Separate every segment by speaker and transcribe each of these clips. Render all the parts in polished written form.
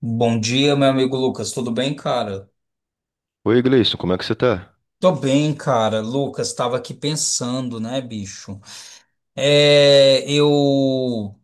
Speaker 1: Bom dia, meu amigo Lucas. Tudo bem, cara?
Speaker 2: Oi, Gleison, como é que você tá?
Speaker 1: Tô bem, cara. Lucas, tava aqui pensando, né, bicho? É, eu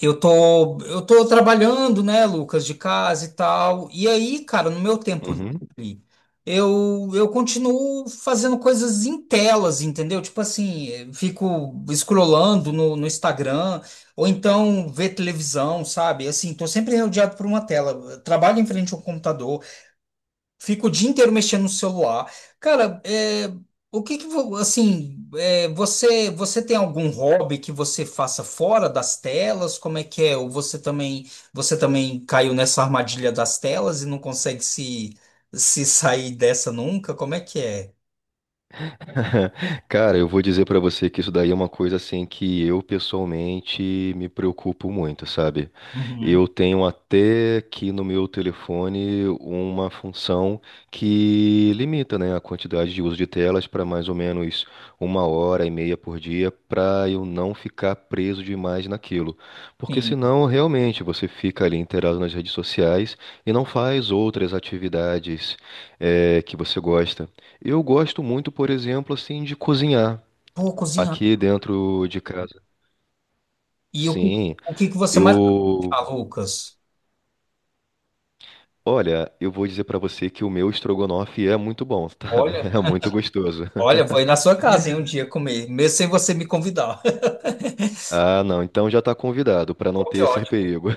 Speaker 1: eu tô trabalhando, né, Lucas, de casa e tal. E aí, cara, no meu tempo
Speaker 2: Uhum.
Speaker 1: livre, eu continuo fazendo coisas em telas, entendeu? Tipo assim, fico scrollando no Instagram ou então ver televisão, sabe? Assim, tô sempre rodeado por uma tela. Trabalho em frente ao computador. Fico o dia inteiro mexendo no celular. Cara, é, o que que, vo- assim, é, você, você tem algum hobby que você faça fora das telas? Como é que é? Ou você também caiu nessa armadilha das telas e não consegue se sair dessa nunca? Como é que é?
Speaker 2: Cara, eu vou dizer pra você que isso daí é uma coisa assim que eu pessoalmente me preocupo muito, sabe?
Speaker 1: Uhum.
Speaker 2: Eu tenho até aqui no meu telefone uma função que limita, né, a quantidade de uso de telas para mais ou menos uma hora e meia por dia, para eu não ficar preso demais naquilo. Porque
Speaker 1: Sim.
Speaker 2: senão, realmente, você fica ali inteirado nas redes sociais e não faz outras atividades, que você gosta. Eu gosto muito, por exemplo, assim, de cozinhar
Speaker 1: Pô, cozinhar.
Speaker 2: aqui dentro de casa.
Speaker 1: E o que,
Speaker 2: Sim,
Speaker 1: o que que você mais,
Speaker 2: eu,
Speaker 1: ah, Lucas?
Speaker 2: olha, eu vou dizer pra você que o meu estrogonofe é muito bom, sabe?
Speaker 1: Olha,
Speaker 2: É muito gostoso.
Speaker 1: olha, vou ir na sua casa, hein, um dia comer, mesmo sem você me convidar.
Speaker 2: Ah, não, então já tá convidado pra não
Speaker 1: Pô,
Speaker 2: ter
Speaker 1: que
Speaker 2: esse
Speaker 1: ótimo.
Speaker 2: perigo.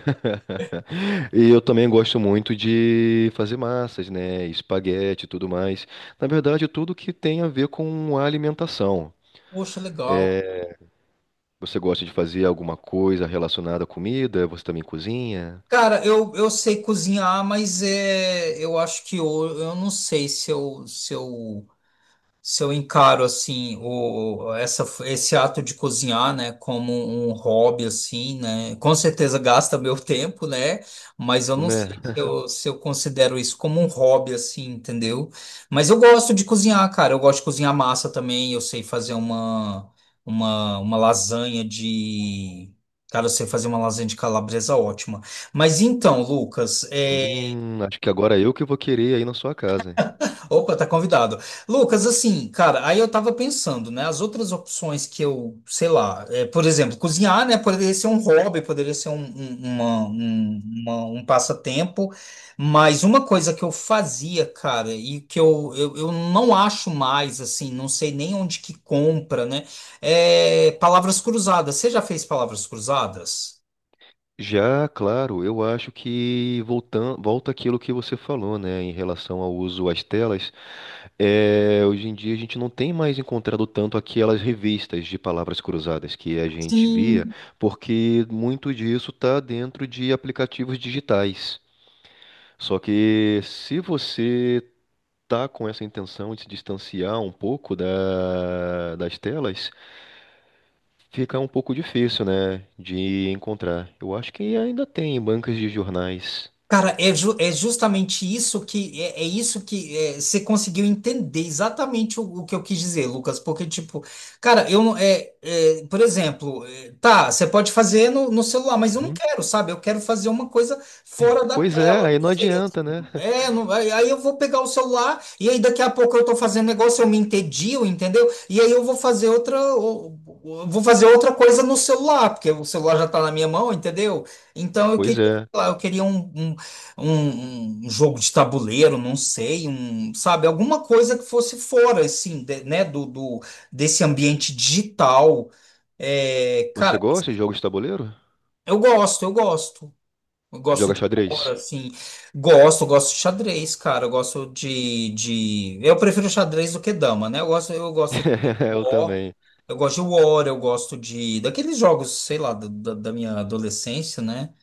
Speaker 2: E eu também gosto muito de fazer massas, né? Espaguete e tudo mais. Na verdade, tudo que tem a ver com a alimentação.
Speaker 1: Poxa, legal.
Speaker 2: Você gosta de fazer alguma coisa relacionada à comida? Você também cozinha,
Speaker 1: Cara, eu sei cozinhar, mas é, eu acho que eu não sei se eu, se eu se eu encaro assim o essa esse ato de cozinhar, né, como um hobby assim, né, com certeza gasta meu tempo, né, mas eu não sei se
Speaker 2: né?
Speaker 1: eu, se eu considero isso como um hobby assim, entendeu? Mas eu gosto de cozinhar, cara, eu gosto de cozinhar massa também, eu sei fazer uma lasanha de... Cara, eu sei fazer uma lasanha de calabresa ótima. Mas então, Lucas, é.
Speaker 2: Acho que agora eu que vou querer aí na sua casa.
Speaker 1: Opa, tá convidado. Lucas, assim, cara, aí eu tava pensando, né? As outras opções que eu, sei lá, é, por exemplo, cozinhar, né? Poderia ser um hobby, poderia ser um passatempo, mas uma coisa que eu fazia, cara, e que eu não acho mais, assim, não sei nem onde que compra, né? É palavras cruzadas. Você já fez palavras cruzadas?
Speaker 2: Já, claro, eu acho que volta aquilo que você falou, né, em relação ao uso às telas. É, hoje em dia a gente não tem mais encontrado tanto aquelas revistas de palavras cruzadas que a gente via,
Speaker 1: Sim.
Speaker 2: porque muito disso está dentro de aplicativos digitais. Só que se você tá com essa intenção de se distanciar um pouco das telas, fica um pouco difícil, né, de encontrar. Eu acho que ainda tem bancas de jornais.
Speaker 1: Cara, é, ju- é justamente isso que é, é isso que é, você conseguiu entender exatamente o que eu quis dizer, Lucas. Porque, tipo, cara, eu não é, é, por exemplo, é, tá, você pode fazer no celular, mas eu não
Speaker 2: Uhum.
Speaker 1: quero, sabe? Eu quero fazer uma coisa fora da
Speaker 2: Pois é,
Speaker 1: tela.
Speaker 2: aí não adianta, né?
Speaker 1: É, não vai. Aí eu vou pegar o celular e aí daqui a pouco eu tô fazendo negócio, eu me entedio, entendeu? E aí eu vou fazer outra, vou fazer outra coisa no celular, porque o celular já tá na minha mão, entendeu? Então eu
Speaker 2: Pois
Speaker 1: queria, sei
Speaker 2: é.
Speaker 1: lá, eu queria um jogo de tabuleiro, não sei, um, sabe, alguma coisa que fosse fora, assim, de- né, do desse ambiente digital. É,
Speaker 2: Você
Speaker 1: cara,
Speaker 2: gosta de jogos de tabuleiro?
Speaker 1: eu gosto. Eu gosto
Speaker 2: Joga
Speaker 1: de
Speaker 2: xadrez?
Speaker 1: cor, assim. Gosto, gosto de xadrez, cara. Eu gosto de... Eu prefiro xadrez do que dama, né? Eu gosto de
Speaker 2: Eu
Speaker 1: War,
Speaker 2: também.
Speaker 1: eu gosto de War, eu gosto de... Daqueles jogos, sei lá, da minha adolescência, né?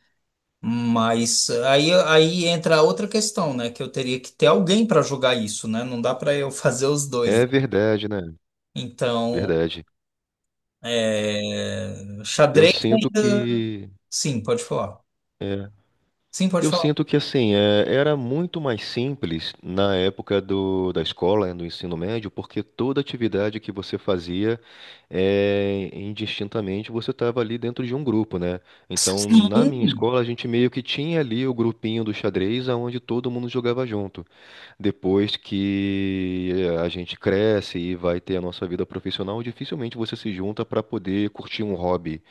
Speaker 1: Mas aí, aí entra outra questão, né? Que eu teria que ter alguém para jogar isso, né? Não dá para eu fazer os dois, né?
Speaker 2: É verdade, né?
Speaker 1: Então,
Speaker 2: Verdade.
Speaker 1: é...
Speaker 2: Eu
Speaker 1: xadrez
Speaker 2: sinto
Speaker 1: ainda...
Speaker 2: que.
Speaker 1: Sim, pode falar.
Speaker 2: é,
Speaker 1: Sim, pode
Speaker 2: Eu sinto
Speaker 1: falar.
Speaker 2: que assim, era muito mais simples na época da escola, né, do ensino médio, porque toda atividade que você fazia, indistintamente, você estava ali dentro de um grupo, né? Então, na minha
Speaker 1: Sim.
Speaker 2: escola, a gente meio que tinha ali o grupinho do xadrez, onde todo mundo jogava junto. Depois que a gente cresce e vai ter a nossa vida profissional, dificilmente você se junta para poder curtir um hobby,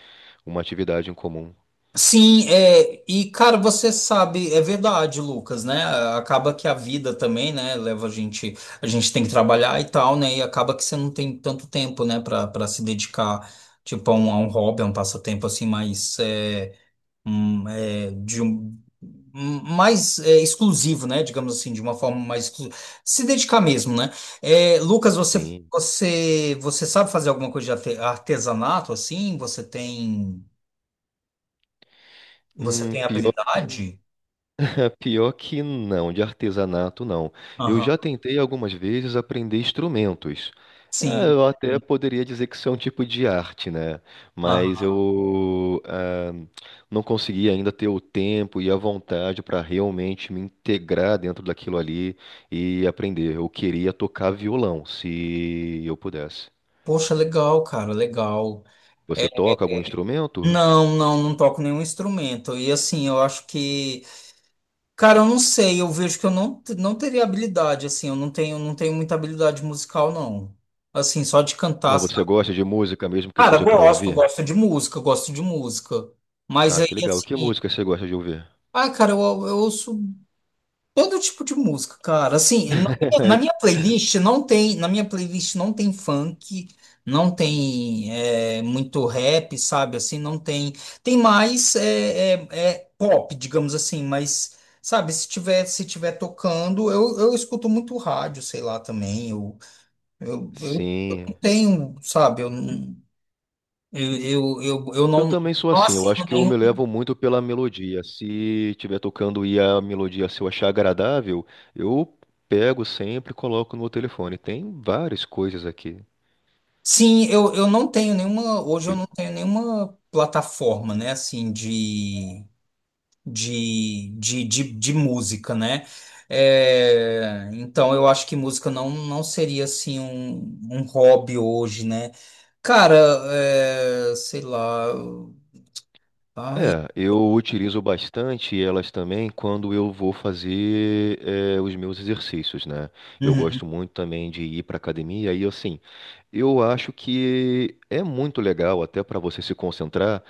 Speaker 2: uma atividade em comum.
Speaker 1: Sim, é, e cara, você sabe, é verdade, Lucas, né? Acaba que a vida também, né, leva a gente tem que trabalhar e tal, né? E acaba que você não tem tanto tempo, né, pra, para se dedicar, tipo, a um hobby, a um passatempo assim mais é, um, é, de mais é, exclusivo, né? Digamos assim, de uma forma mais exclusiva. Se dedicar mesmo, né? É, Lucas, você
Speaker 2: Sim.
Speaker 1: você você sabe fazer alguma coisa de artesanato assim? Você
Speaker 2: Hum,
Speaker 1: tem
Speaker 2: pior que
Speaker 1: habilidade?
Speaker 2: Pior que não, de artesanato não. Eu
Speaker 1: Aham.
Speaker 2: já tentei algumas vezes aprender instrumentos. É,
Speaker 1: Sim.
Speaker 2: eu até
Speaker 1: Sim.
Speaker 2: poderia dizer que isso é um tipo de arte, né? Mas
Speaker 1: Aham.
Speaker 2: eu ah, não consegui ainda ter o tempo e a vontade para realmente me integrar dentro daquilo ali e aprender. Eu queria tocar violão, se eu pudesse.
Speaker 1: Poxa, legal, cara, legal.
Speaker 2: Você
Speaker 1: É,
Speaker 2: toca algum instrumento?
Speaker 1: não, não, não toco nenhum instrumento. E assim, eu acho que, cara, eu não sei, eu vejo que eu não, não teria habilidade, assim, eu não tenho, não tenho muita habilidade musical, não. Assim, só de
Speaker 2: Mas
Speaker 1: cantar,
Speaker 2: você
Speaker 1: sabe?
Speaker 2: gosta de música mesmo que
Speaker 1: Cara,
Speaker 2: seja para
Speaker 1: gosto,
Speaker 2: ouvir?
Speaker 1: gosto de música, gosto de música. Mas
Speaker 2: Ah,
Speaker 1: aí,
Speaker 2: que legal. Que
Speaker 1: assim,
Speaker 2: música você gosta de ouvir?
Speaker 1: ah, cara, eu ouço todo tipo de música, cara. Assim, na minha playlist não tem, na minha playlist não tem funk, não tem é, muito rap, sabe? Assim, não tem. Tem mais é, é pop, digamos assim, mas sabe, se tiver tocando, eu escuto muito rádio, sei lá, também. Eu não
Speaker 2: Sim.
Speaker 1: tenho, sabe, eu, eu
Speaker 2: Eu
Speaker 1: não,
Speaker 2: também sou
Speaker 1: não
Speaker 2: assim, eu acho que eu
Speaker 1: assino.
Speaker 2: me levo muito pela melodia. Se estiver tocando e a melodia, se eu achar agradável, eu pego sempre e coloco no meu telefone. Tem várias coisas aqui.
Speaker 1: Sim, eu não tenho nenhuma. Hoje
Speaker 2: que
Speaker 1: eu
Speaker 2: ele-
Speaker 1: não tenho nenhuma plataforma, né? Assim, de música, né? É, então eu acho que música não, não seria assim um, um hobby hoje, né? Cara, é, sei lá. Ai.
Speaker 2: É, eu utilizo bastante elas também quando eu vou fazer os meus exercícios, né? Eu
Speaker 1: Uhum.
Speaker 2: gosto muito também de ir para academia e assim, eu acho que é muito legal até para você se concentrar.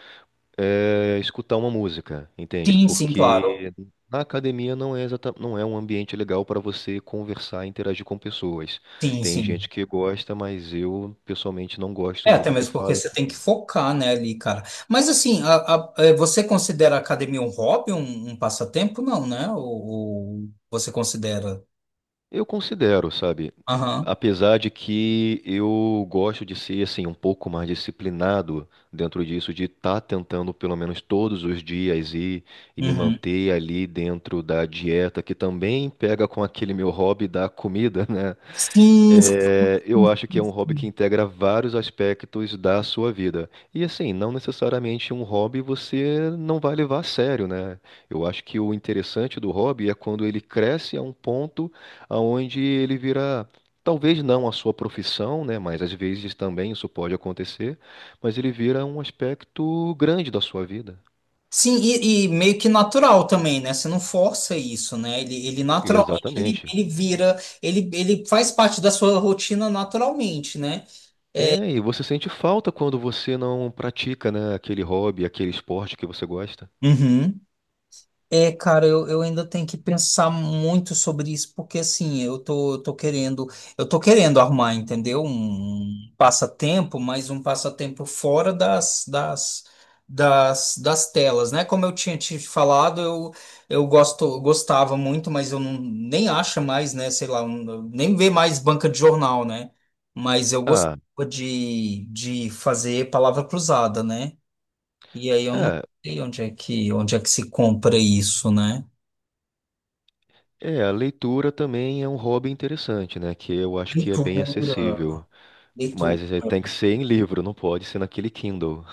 Speaker 2: Escutar uma música, entende?
Speaker 1: Sim, sim, claro.
Speaker 2: Porque na academia não não é um ambiente legal para você conversar e interagir com pessoas.
Speaker 1: Sim,
Speaker 2: Tem
Speaker 1: sim.
Speaker 2: gente que gosta, mas eu pessoalmente não gosto
Speaker 1: É, até
Speaker 2: muito que
Speaker 1: mesmo porque
Speaker 2: falem
Speaker 1: você tem que
Speaker 2: comigo.
Speaker 1: focar, né, ali, cara. Mas assim, é, você considera a academia um hobby, um passatempo? Não, né? Ou você considera?
Speaker 2: Eu considero, sabe?
Speaker 1: Aham.
Speaker 2: Apesar de que eu gosto de ser assim um pouco mais disciplinado dentro disso, de estar tentando pelo menos todos os dias ir e me
Speaker 1: Uhum.
Speaker 2: manter ali dentro da dieta, que também pega com aquele meu hobby da comida, né?
Speaker 1: Sim, sim,
Speaker 2: É, eu acho que é um hobby que
Speaker 1: sim.
Speaker 2: integra vários aspectos da sua vida. E assim, não necessariamente um hobby você não vai levar a sério, né? Eu acho que o interessante do hobby é quando ele cresce a um ponto aonde ele vira, talvez não a sua profissão, né? Mas às vezes também isso pode acontecer, mas ele vira um aspecto grande da sua vida.
Speaker 1: E, e meio que natural também, né? Você não força isso, né? Ele naturalmente ele,
Speaker 2: Exatamente.
Speaker 1: ele vira, ele faz parte da sua rotina naturalmente, né?
Speaker 2: É, e você sente falta quando você não pratica, né, aquele hobby, aquele esporte que você gosta.
Speaker 1: Uhum. É, cara, eu ainda tenho que pensar muito sobre isso, porque assim, eu tô querendo arrumar, entendeu? Um passatempo, mas um passatempo fora das telas, né? Como eu tinha te falado, eu gosto, eu gostava muito, mas eu não, nem acho mais, né? Sei lá, um- nem vê mais banca de jornal, né? Mas eu
Speaker 2: Ah,
Speaker 1: gostava de fazer palavra cruzada, né? E aí eu não
Speaker 2: é.
Speaker 1: sei onde é que se compra isso, né?
Speaker 2: É, a leitura também é um hobby interessante, né? Que eu acho que é
Speaker 1: Leitura.
Speaker 2: bem acessível.
Speaker 1: Leitura.
Speaker 2: Mas é, tem que ser em livro, não pode ser naquele Kindle.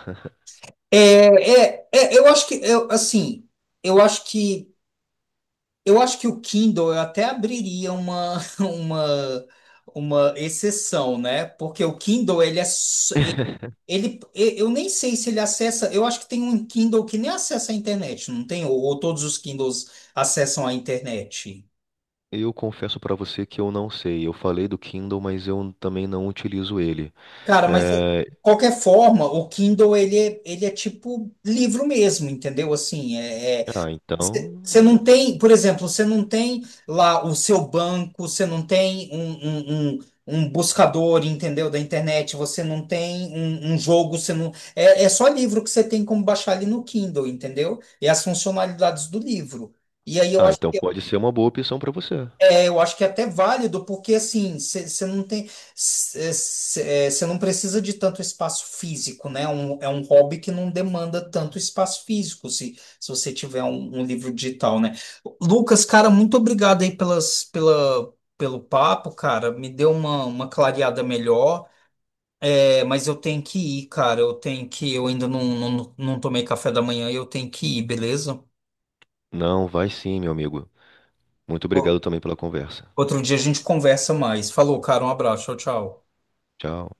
Speaker 1: É, eu acho que eu, assim, eu acho que eu acho que o Kindle eu até abriria uma uma exceção, né? Porque o Kindle ele é eu nem sei se ele acessa, eu acho que tem um Kindle que nem acessa a internet, não tem? Ou todos os Kindles acessam a internet.
Speaker 2: Eu confesso pra você que eu não sei. Eu falei do Kindle, mas eu também não utilizo ele.
Speaker 1: Cara, mas de
Speaker 2: É,
Speaker 1: qualquer forma, o Kindle ele é tipo livro mesmo, entendeu? Assim, é,
Speaker 2: Ah,
Speaker 1: você
Speaker 2: então.
Speaker 1: não tem, por exemplo, você não tem lá o seu banco, você não tem um, um buscador, entendeu? Da internet, você não tem um, um jogo, você não. É, é só livro que você tem como baixar ali no Kindle, entendeu? E as funcionalidades do livro. E aí eu
Speaker 2: Ah,
Speaker 1: acho.
Speaker 2: então pode ser uma boa opção pra você.
Speaker 1: Eu acho que é até válido, porque assim, você não tem, você não precisa de tanto espaço físico, né? Um- é um hobby que não demanda tanto espaço físico, se você tiver um, um livro digital, né? Lucas, cara, muito obrigado aí pelo papo, cara. Me deu uma clareada melhor. É, mas eu tenho que ir, cara. Eu tenho que, eu ainda não tomei café da manhã, e eu tenho que ir, beleza?
Speaker 2: Não, vai sim, meu amigo. Muito
Speaker 1: O-
Speaker 2: obrigado também pela conversa.
Speaker 1: Outro dia a gente conversa mais. Falou, cara, um abraço, tchau, tchau.
Speaker 2: Tchau.